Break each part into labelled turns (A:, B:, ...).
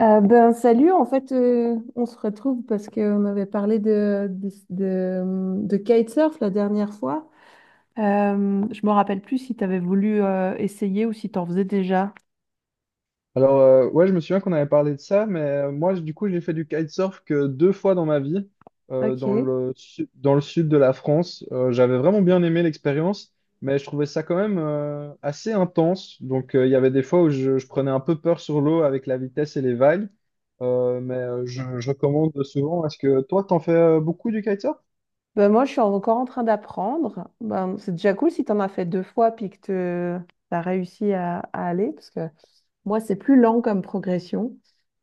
A: Ben salut, en fait on se retrouve parce qu'on avait parlé de kitesurf la dernière fois. Je me rappelle plus si tu avais voulu essayer ou si tu en faisais déjà.
B: Alors, je me souviens qu'on avait parlé de ça, mais moi, du coup, j'ai fait du kitesurf que deux fois dans ma vie, dans
A: Ok.
B: dans le sud de la France. J'avais vraiment bien aimé l'expérience, mais je trouvais ça quand même assez intense. Donc, il y avait des fois où je prenais un peu peur sur l'eau avec la vitesse et les vagues. Je recommande souvent. Est-ce que toi, t'en fais beaucoup du kitesurf?
A: Ben moi je suis encore en train d'apprendre. Ben, c'est déjà cool si tu en as fait deux fois puis que tu as réussi à aller parce que moi c'est plus lent comme progression.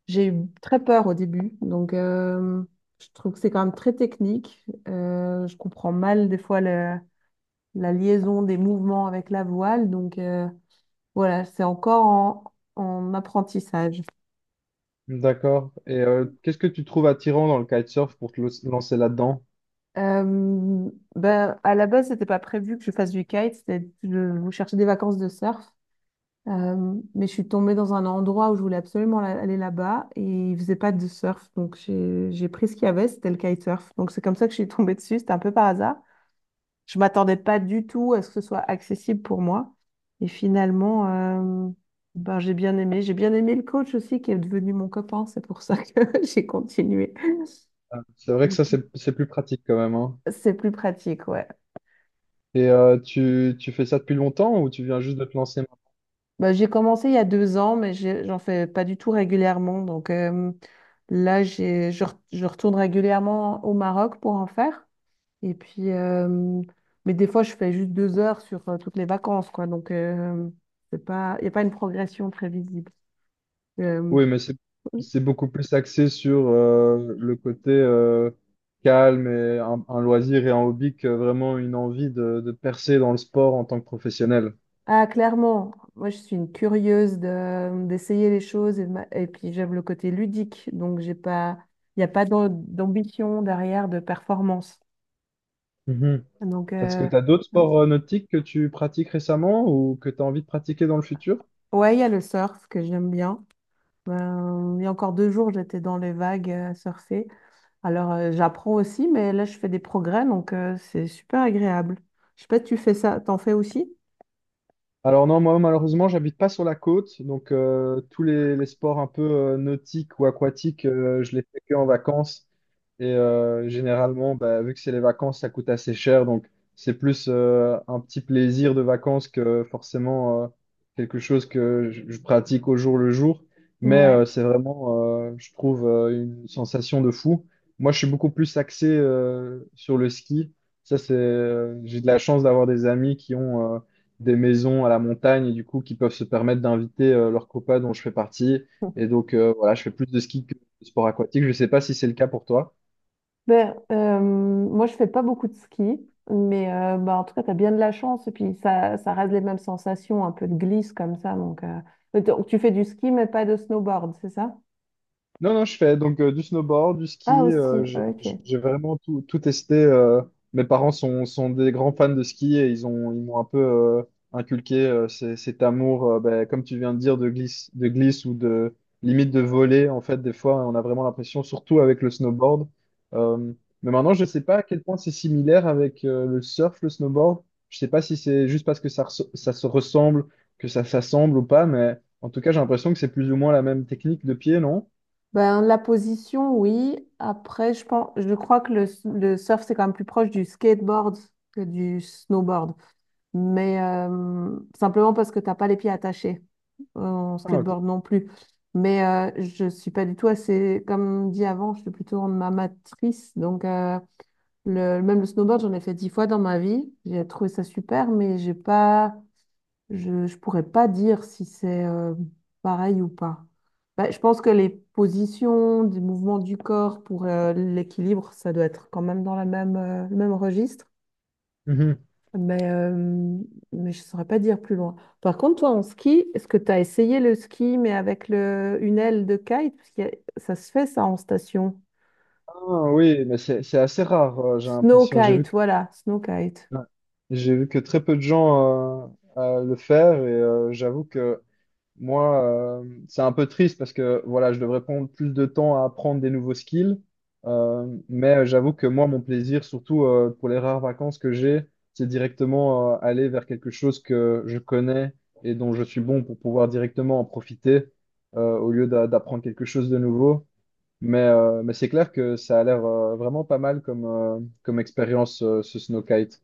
A: J'ai eu très peur au début donc je trouve que c'est quand même très technique. Je comprends mal des fois le la liaison des mouvements avec la voile. Donc voilà, c'est encore en apprentissage.
B: D'accord. Et qu'est-ce que tu trouves attirant dans le kitesurf pour te lancer là-dedans?
A: Ben, à la base, c'était pas prévu que je fasse du kite, c'était, je cherchais des vacances de surf. Mais je suis tombée dans un endroit où je voulais absolument aller là-bas et il faisait pas de surf. Donc j'ai pris ce qu'il y avait, c'était le kitesurf. Donc c'est comme ça que je suis tombée dessus, c'était un peu par hasard. Je m'attendais pas du tout à ce que ce soit accessible pour moi. Et finalement, ben, j'ai bien aimé. J'ai bien aimé le coach aussi qui est devenu mon copain. C'est pour ça que j'ai continué.
B: C'est vrai que
A: Donc,
B: ça, c'est plus pratique quand même, hein.
A: c'est plus pratique, ouais.
B: Et tu fais ça depuis longtemps ou tu viens juste de te lancer maintenant?
A: Ben, j'ai commencé il y a 2 ans, mais j'en fais pas du tout régulièrement. Donc là, je retourne régulièrement au Maroc pour en faire. Et puis, mais des fois, je fais juste 2 heures sur toutes les vacances, quoi. Donc, c'est pas, il n'y a pas une progression très visible. Euh,
B: Oui, mais c'est beaucoup plus axé sur le côté calme et un loisir et un hobby que vraiment une envie de percer dans le sport en tant que professionnel.
A: Ah, clairement, moi je suis une curieuse d'essayer les choses et, et puis j'aime le côté ludique, donc j'ai pas, il n'y a pas d'ambition derrière de performance.
B: Mhm.
A: Donc,
B: Est-ce que tu as d'autres sports nautiques que tu pratiques récemment ou que tu as envie de pratiquer dans le futur?
A: ouais, il y a le surf que j'aime bien. Il y a encore 2 jours, j'étais dans les vagues à surfer. Alors, j'apprends aussi, mais là je fais des progrès, donc c'est super agréable. Je sais pas, tu fais ça, t'en fais aussi?
B: Alors non, moi malheureusement, j'habite pas sur la côte, donc tous les sports un peu nautiques ou aquatiques, je les fais que en vacances. Et généralement, bah, vu que c'est les vacances, ça coûte assez cher. Donc, c'est plus un petit plaisir de vacances que forcément quelque chose que je pratique au jour le jour. Mais
A: Ouais.
B: je trouve, une sensation de fou. Moi, je suis beaucoup plus axé sur le ski. Ça, j'ai de la chance d'avoir des amis qui ont des maisons à la montagne et du coup, qui peuvent se permettre d'inviter leurs copains dont je fais partie. Et donc, voilà, je fais plus de ski le sport aquatique. Je ne sais pas si c'est le cas pour toi.
A: Ben, moi, je fais pas beaucoup de ski, mais ben, en tout cas, tu as bien de la chance. Et puis, ça reste les mêmes sensations, un peu de glisse comme ça. Donc, mais donc, tu fais du ski, mais pas de snowboard, c'est ça?
B: Non, non, je fais donc du snowboard, du
A: Ah,
B: ski.
A: aussi, ok.
B: J'ai vraiment tout, tout testé. Mes parents sont des grands fans de ski et ils ils m'ont un peu inculqué cet amour, ben, comme tu viens de dire, de glisse ou de limite de voler. En fait, des fois, on a vraiment l'impression, surtout avec le snowboard. Euh, mais maintenant, je ne sais pas à quel point c'est similaire avec le surf, le snowboard. Je ne sais pas si c'est juste parce que ça se ressemble, que ça s'assemble ou pas, mais en tout cas, j'ai l'impression que c'est plus ou moins la même technique de pied, non?
A: Ben, la position, oui. Après, je pense, je crois que le surf, c'est quand même plus proche du skateboard que du snowboard. Mais simplement parce que t'as pas les pieds attachés. En
B: Ah, ok.
A: skateboard non plus. Mais je suis pas du tout assez, comme dit avant, je suis plutôt en amatrice. Donc, le, même le snowboard, j'en ai fait 10 fois dans ma vie. J'ai trouvé ça super, mais j'ai pas, je pourrais pas dire si c'est pareil ou pas. Bah, je pense que les positions, des mouvements du corps pour l'équilibre, ça doit être quand même dans le même registre.
B: Mhm.
A: Mais, euh, mais je ne saurais pas dire plus loin. Par contre, toi, en ski, est-ce que tu as essayé le ski, mais avec une aile de kite? Parce que ça se fait, ça, en station.
B: Ah, oui, mais c'est assez rare, j'ai
A: Snow
B: l'impression.
A: kite, voilà, snow kite.
B: Ouais. J'ai vu que très peu de gens le faire et j'avoue que moi, c'est un peu triste parce que voilà, je devrais prendre plus de temps à apprendre des nouveaux skills. Mais j'avoue que moi, mon plaisir, surtout pour les rares vacances que j'ai, c'est directement aller vers quelque chose que je connais et dont je suis bon pour pouvoir directement en profiter d'apprendre quelque chose de nouveau. Mais c'est clair que ça a l'air vraiment pas mal comme, comme expérience, ce snowkite.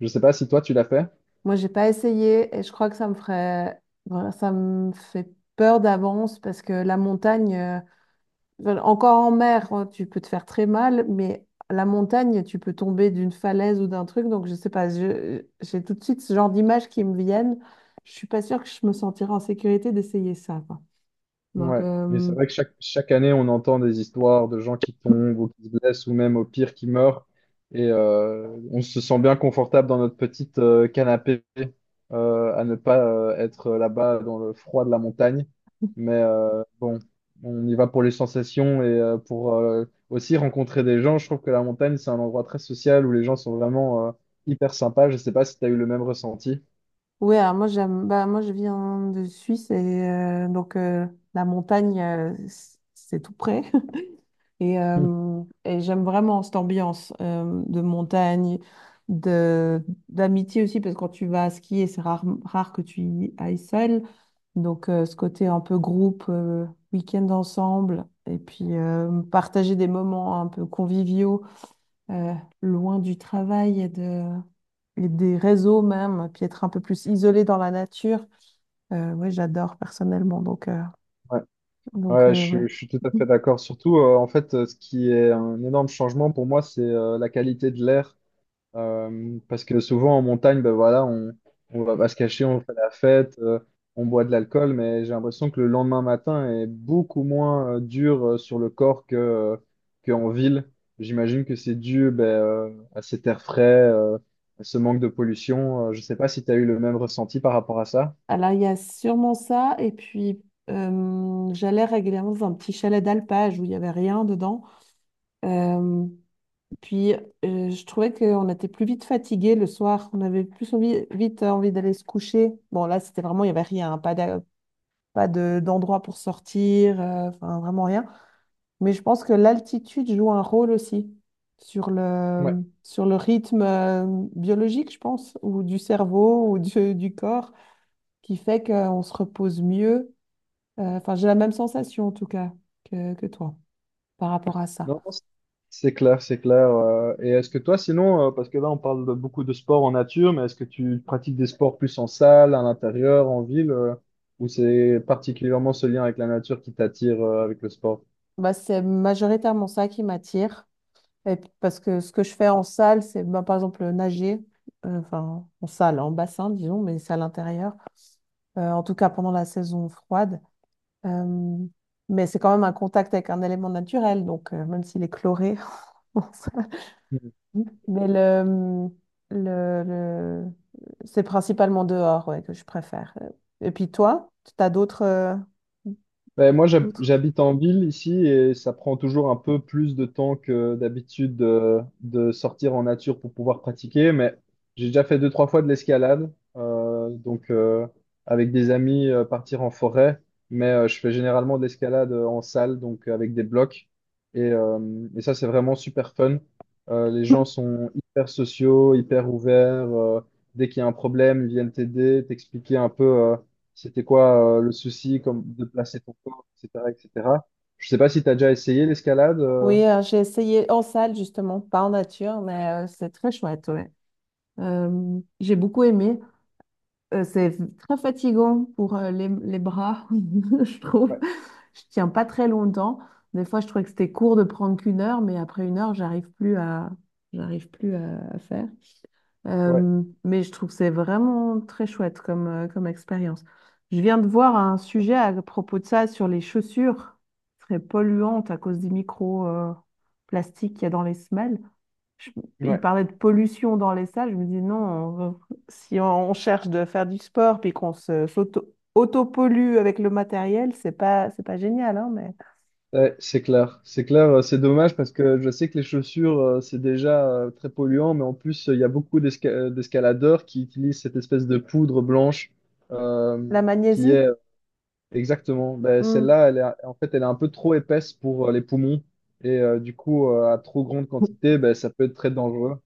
B: Je sais pas si toi, tu l'as fait.
A: Moi, j'ai pas essayé et je crois que ça me ferait, voilà, ça me fait peur d'avance parce que la montagne, enfin, encore en mer, hein, tu peux te faire très mal, mais à la montagne, tu peux tomber d'une falaise ou d'un truc. Donc, je sais pas, j'ai tout de suite ce genre d'images qui me viennent. Je suis pas sûre que je me sentirais en sécurité d'essayer ça, quoi. Donc,
B: Ouais, mais c'est vrai que chaque année, on entend des histoires de gens qui tombent ou qui se blessent ou même au pire qui meurent. Et on se sent bien confortable dans notre petite canapé à ne pas être là-bas dans le froid de la montagne. Mais bon, on y va pour les sensations et pour aussi rencontrer des gens. Je trouve que la montagne, c'est un endroit très social où les gens sont vraiment hyper sympas. Je sais pas si tu as eu le même ressenti.
A: ouais, alors moi, j'aime, bah, moi, je viens de Suisse et donc la montagne, c'est tout près. Et j'aime vraiment cette ambiance de montagne, d'amitié aussi, parce que quand tu vas skier, c'est rare, rare que tu y ailles seul. Donc, ce côté un peu groupe, week-end ensemble, et puis partager des moments un peu conviviaux, euh, loin du travail et, et des réseaux même, puis être un peu plus isolé dans la nature. Ouais, j'adore personnellement. Donc, euh, donc euh,
B: Je suis tout à
A: ouais.
B: fait d'accord. Surtout, ce qui est un énorme changement pour moi, c'est la qualité de l'air. Parce que souvent en montagne, ben voilà, on va pas se cacher, on fait la fête, on boit de l'alcool, mais j'ai l'impression que le lendemain matin est beaucoup moins dur sur le corps qu'en ville. J'imagine que c'est dû ben, à cet air frais, à ce manque de pollution. Je sais pas si tu as eu le même ressenti par rapport à ça.
A: Alors, il y a sûrement ça. Et puis, j'allais régulièrement dans un petit chalet d'alpage où il n'y avait rien dedans. Euh, Puis, je trouvais qu'on était plus vite fatigué le soir. On avait plus vite envie d'aller se coucher. Bon, là, c'était vraiment, il n'y avait rien, hein. Pas d'endroit pour sortir. Enfin, vraiment rien. Mais je pense que l'altitude joue un rôle aussi sur le,
B: Ouais.
A: sur le rythme biologique, je pense, ou du cerveau ou du corps qui fait qu'on se repose mieux. Enfin, j'ai la même sensation en tout cas que toi par rapport à ça.
B: Non, non, c'est clair, c'est clair. Et est-ce que toi, sinon, parce que là, on parle de beaucoup de sports en nature, mais est-ce que tu pratiques des sports plus en salle, à l'intérieur, en ville, ou c'est particulièrement ce lien avec la nature qui t'attire, avec le sport?
A: Bah, c'est majoritairement ça qui m'attire. Et puis, parce que ce que je fais en salle, c'est bah, par exemple nager, enfin en salle, en bassin, disons, mais c'est à l'intérieur. En tout cas pendant la saison froide. Euh, mais c'est quand même un contact avec un élément naturel, donc même s'il est chloré. On s'en fout. Mais le, le- c'est principalement dehors ouais, que je préfère. Et puis toi, tu as d'autres.
B: Ben, moi,
A: L'autre.
B: j'habite en ville ici et ça prend toujours un peu plus de temps que d'habitude de sortir en nature pour pouvoir pratiquer, mais j'ai déjà fait deux, trois fois de l'escalade, avec des amis partir en forêt, mais je fais généralement de l'escalade en salle, donc avec des blocs, et, euh, et ça, c'est vraiment super fun. Les gens sont hyper sociaux, hyper ouverts, dès qu'il y a un problème, ils viennent t'aider, t'expliquer un peu. C'était quoi le souci comme de placer ton corps, etc., etc. Je sais pas si tu as déjà essayé l'escalade.
A: Oui, j'ai essayé en salle justement, pas en nature, mais c'est très chouette, ouais. J'ai beaucoup aimé. C'est très fatigant pour les bras, je trouve.
B: Ouais,
A: Je tiens pas très longtemps. Des fois, je trouvais que c'était court de prendre qu'une heure, mais après une heure, j'arrive plus à faire.
B: ouais,
A: Mais je trouve que c'est vraiment très chouette comme expérience. Je viens de voir un sujet à propos de ça sur les chaussures très polluantes à cause des micro-plastiques qu'il y a dans les semelles. Je- il
B: ouais.
A: parlait de pollution dans les salles. Je me dis non, si on cherche de faire du sport puis qu'on s'auto, pollue avec le matériel, c'est pas génial, hein, mais
B: Ouais, c'est clair. C'est clair, c'est dommage parce que je sais que les chaussures, c'est déjà très polluant, mais en plus, il y a beaucoup d'escaladeurs qui utilisent cette espèce de poudre blanche
A: la
B: qui
A: magnésie.
B: est Exactement. Ben,
A: Hmm.
B: celle-là, en fait, elle est un peu trop épaisse pour les poumons. Et du coup, à trop grande quantité, ben, ça peut être très dangereux.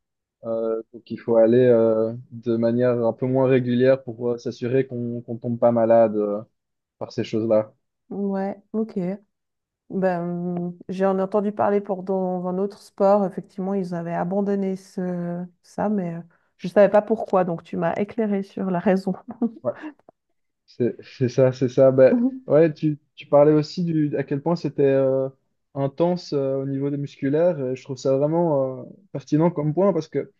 B: Donc, il faut aller de manière un peu moins régulière pour s'assurer qu'on tombe pas malade par ces choses-là. Ouais.
A: Ouais, ok. Ben, j'en ai entendu parler pour dans un autre sport. Effectivement, ils avaient abandonné ça, mais je ne savais pas pourquoi. Donc, tu m'as éclairé sur la raison.
B: C'est ça, c'est ça. Ben,
A: Mhm.
B: ouais, tu parlais aussi du, à quel point c'était intense au niveau des musculaires. Et je trouve ça vraiment pertinent comme point parce que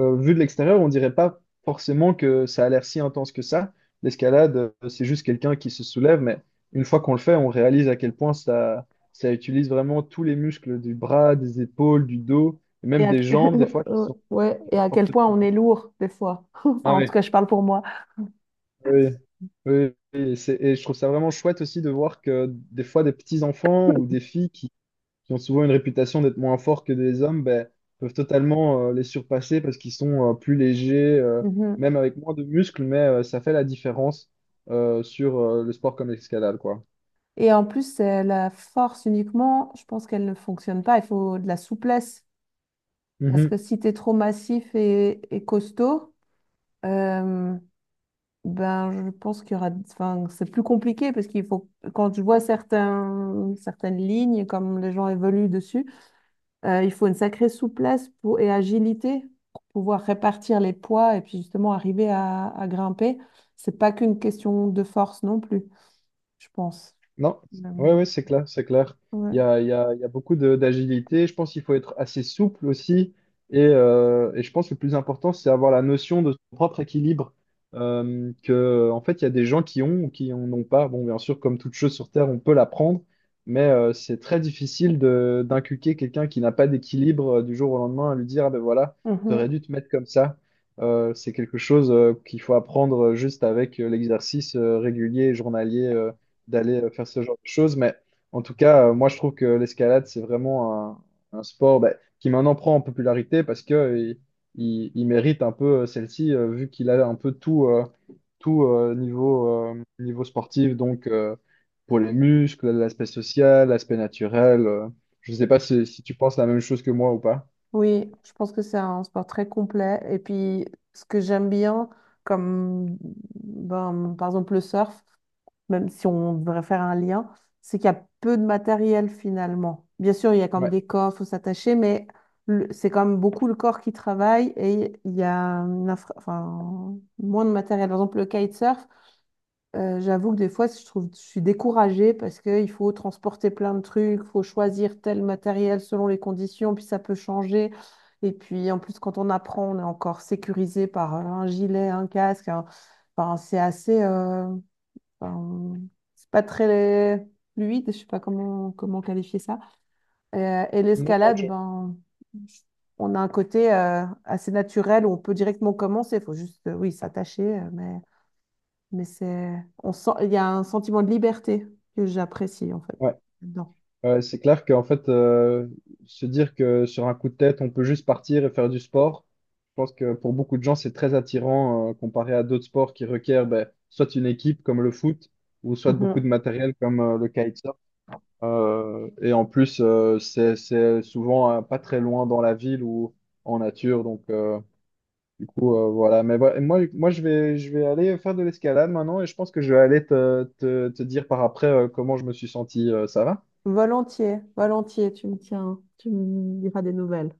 B: vu de l'extérieur, on dirait pas forcément que ça a l'air si intense que ça. L'escalade, c'est juste quelqu'un qui se soulève, mais une fois qu'on le fait, on réalise à quel point ça utilise vraiment tous les muscles du bras, des épaules, du dos, et
A: Et
B: même
A: à...
B: des jambes, des fois qui sont
A: ouais, et à quel
B: fortement.
A: point on est lourd des fois. Enfin,
B: Ah
A: en tout
B: ouais.
A: cas, je parle pour moi.
B: Oui, oui, oui, et je trouve ça vraiment chouette aussi de voir que des fois des petits enfants ou des filles qui ont souvent une réputation d'être moins forts que des hommes, ben, peuvent totalement les surpasser parce qu'ils sont plus légers,
A: Mhm.
B: même avec moins de muscles, mais ça fait la différence sur le sport comme l'escalade, quoi.
A: Et en plus, la force uniquement, je pense qu'elle ne fonctionne pas. Il faut de la souplesse. Parce que si tu es trop massif et costaud, euh, ben, je pense qu'il y aura, enfin, c'est plus compliqué parce qu'il faut, quand je vois certaines lignes, comme les gens évoluent dessus, il faut une sacrée souplesse pour, et agilité pour pouvoir répartir les poids et puis justement arriver à grimper. C'est pas qu'une question de force non plus, je pense.
B: Non,
A: Euh,
B: ouais, ouais, c'est clair, c'est clair.
A: ouais.
B: Il y a beaucoup d'agilité. Je pense qu'il faut être assez souple aussi. Et je pense que le plus important, c'est avoir la notion de son propre équilibre. En fait, il y a des gens qui ont ou qui en ont pas. Bon, bien sûr, comme toute chose sur Terre, on peut l'apprendre, mais c'est très difficile de d'inculquer quelqu'un qui n'a pas d'équilibre du jour au lendemain à lui dire, ah ben voilà, tu aurais
A: Mhm.
B: dû te mettre comme ça. C'est quelque chose qu'il faut apprendre juste avec l'exercice régulier, et journalier d'aller faire ce genre de choses. Mais en tout cas, moi, je trouve que l'escalade, c'est vraiment un sport bah, qui maintenant prend en popularité parce que il mérite un peu celle-ci, vu qu'il a un peu tout, niveau sportif. Donc, pour les muscles, l'aspect social, l'aspect naturel. Je ne sais pas si tu penses la même chose que moi ou pas.
A: Oui, je pense que c'est un sport très complet. Et puis, ce que j'aime bien, comme ben, par exemple le surf, même si on devrait faire un lien, c'est qu'il y a peu de matériel finalement. Bien sûr, il y a comme
B: Ouais.
A: des corps, il faut s'attacher, mais c'est quand même beaucoup le corps qui travaille et il y a enfin, moins de matériel. Par exemple, le kitesurf, j'avoue que des fois, je trouve, je suis découragée parce qu'il faut transporter plein de trucs, il faut choisir tel matériel selon les conditions, puis ça peut changer. Et puis, en plus, quand on apprend, on est encore sécurisé par un gilet, un casque. Enfin, c'est assez. Enfin, c'est pas très fluide, je sais pas comment qualifier ça. Et
B: Non, non,
A: l'escalade, ben, on a un côté assez naturel où on peut directement commencer. Il faut juste, oui, s'attacher, mais c'est, on sent, il y a un sentiment de liberté que j'apprécie en fait.
B: ouais.
A: Dedans.
B: Ouais, c'est clair qu'en fait, se dire que sur un coup de tête, on peut juste partir et faire du sport, je pense que pour beaucoup de gens, c'est très attirant, comparé à d'autres sports qui requièrent ben, soit une équipe comme le foot, ou soit beaucoup de
A: Mhm.
B: matériel comme le kitesurf. Et en plus, c'est souvent pas très loin dans la ville ou en nature. Donc, voilà. Mais voilà, je vais aller faire de l'escalade maintenant et je pense que je vais aller te dire par après comment je me suis senti. Ça va?
A: Volontiers, volontiers, tu me tiens, tu me diras des nouvelles.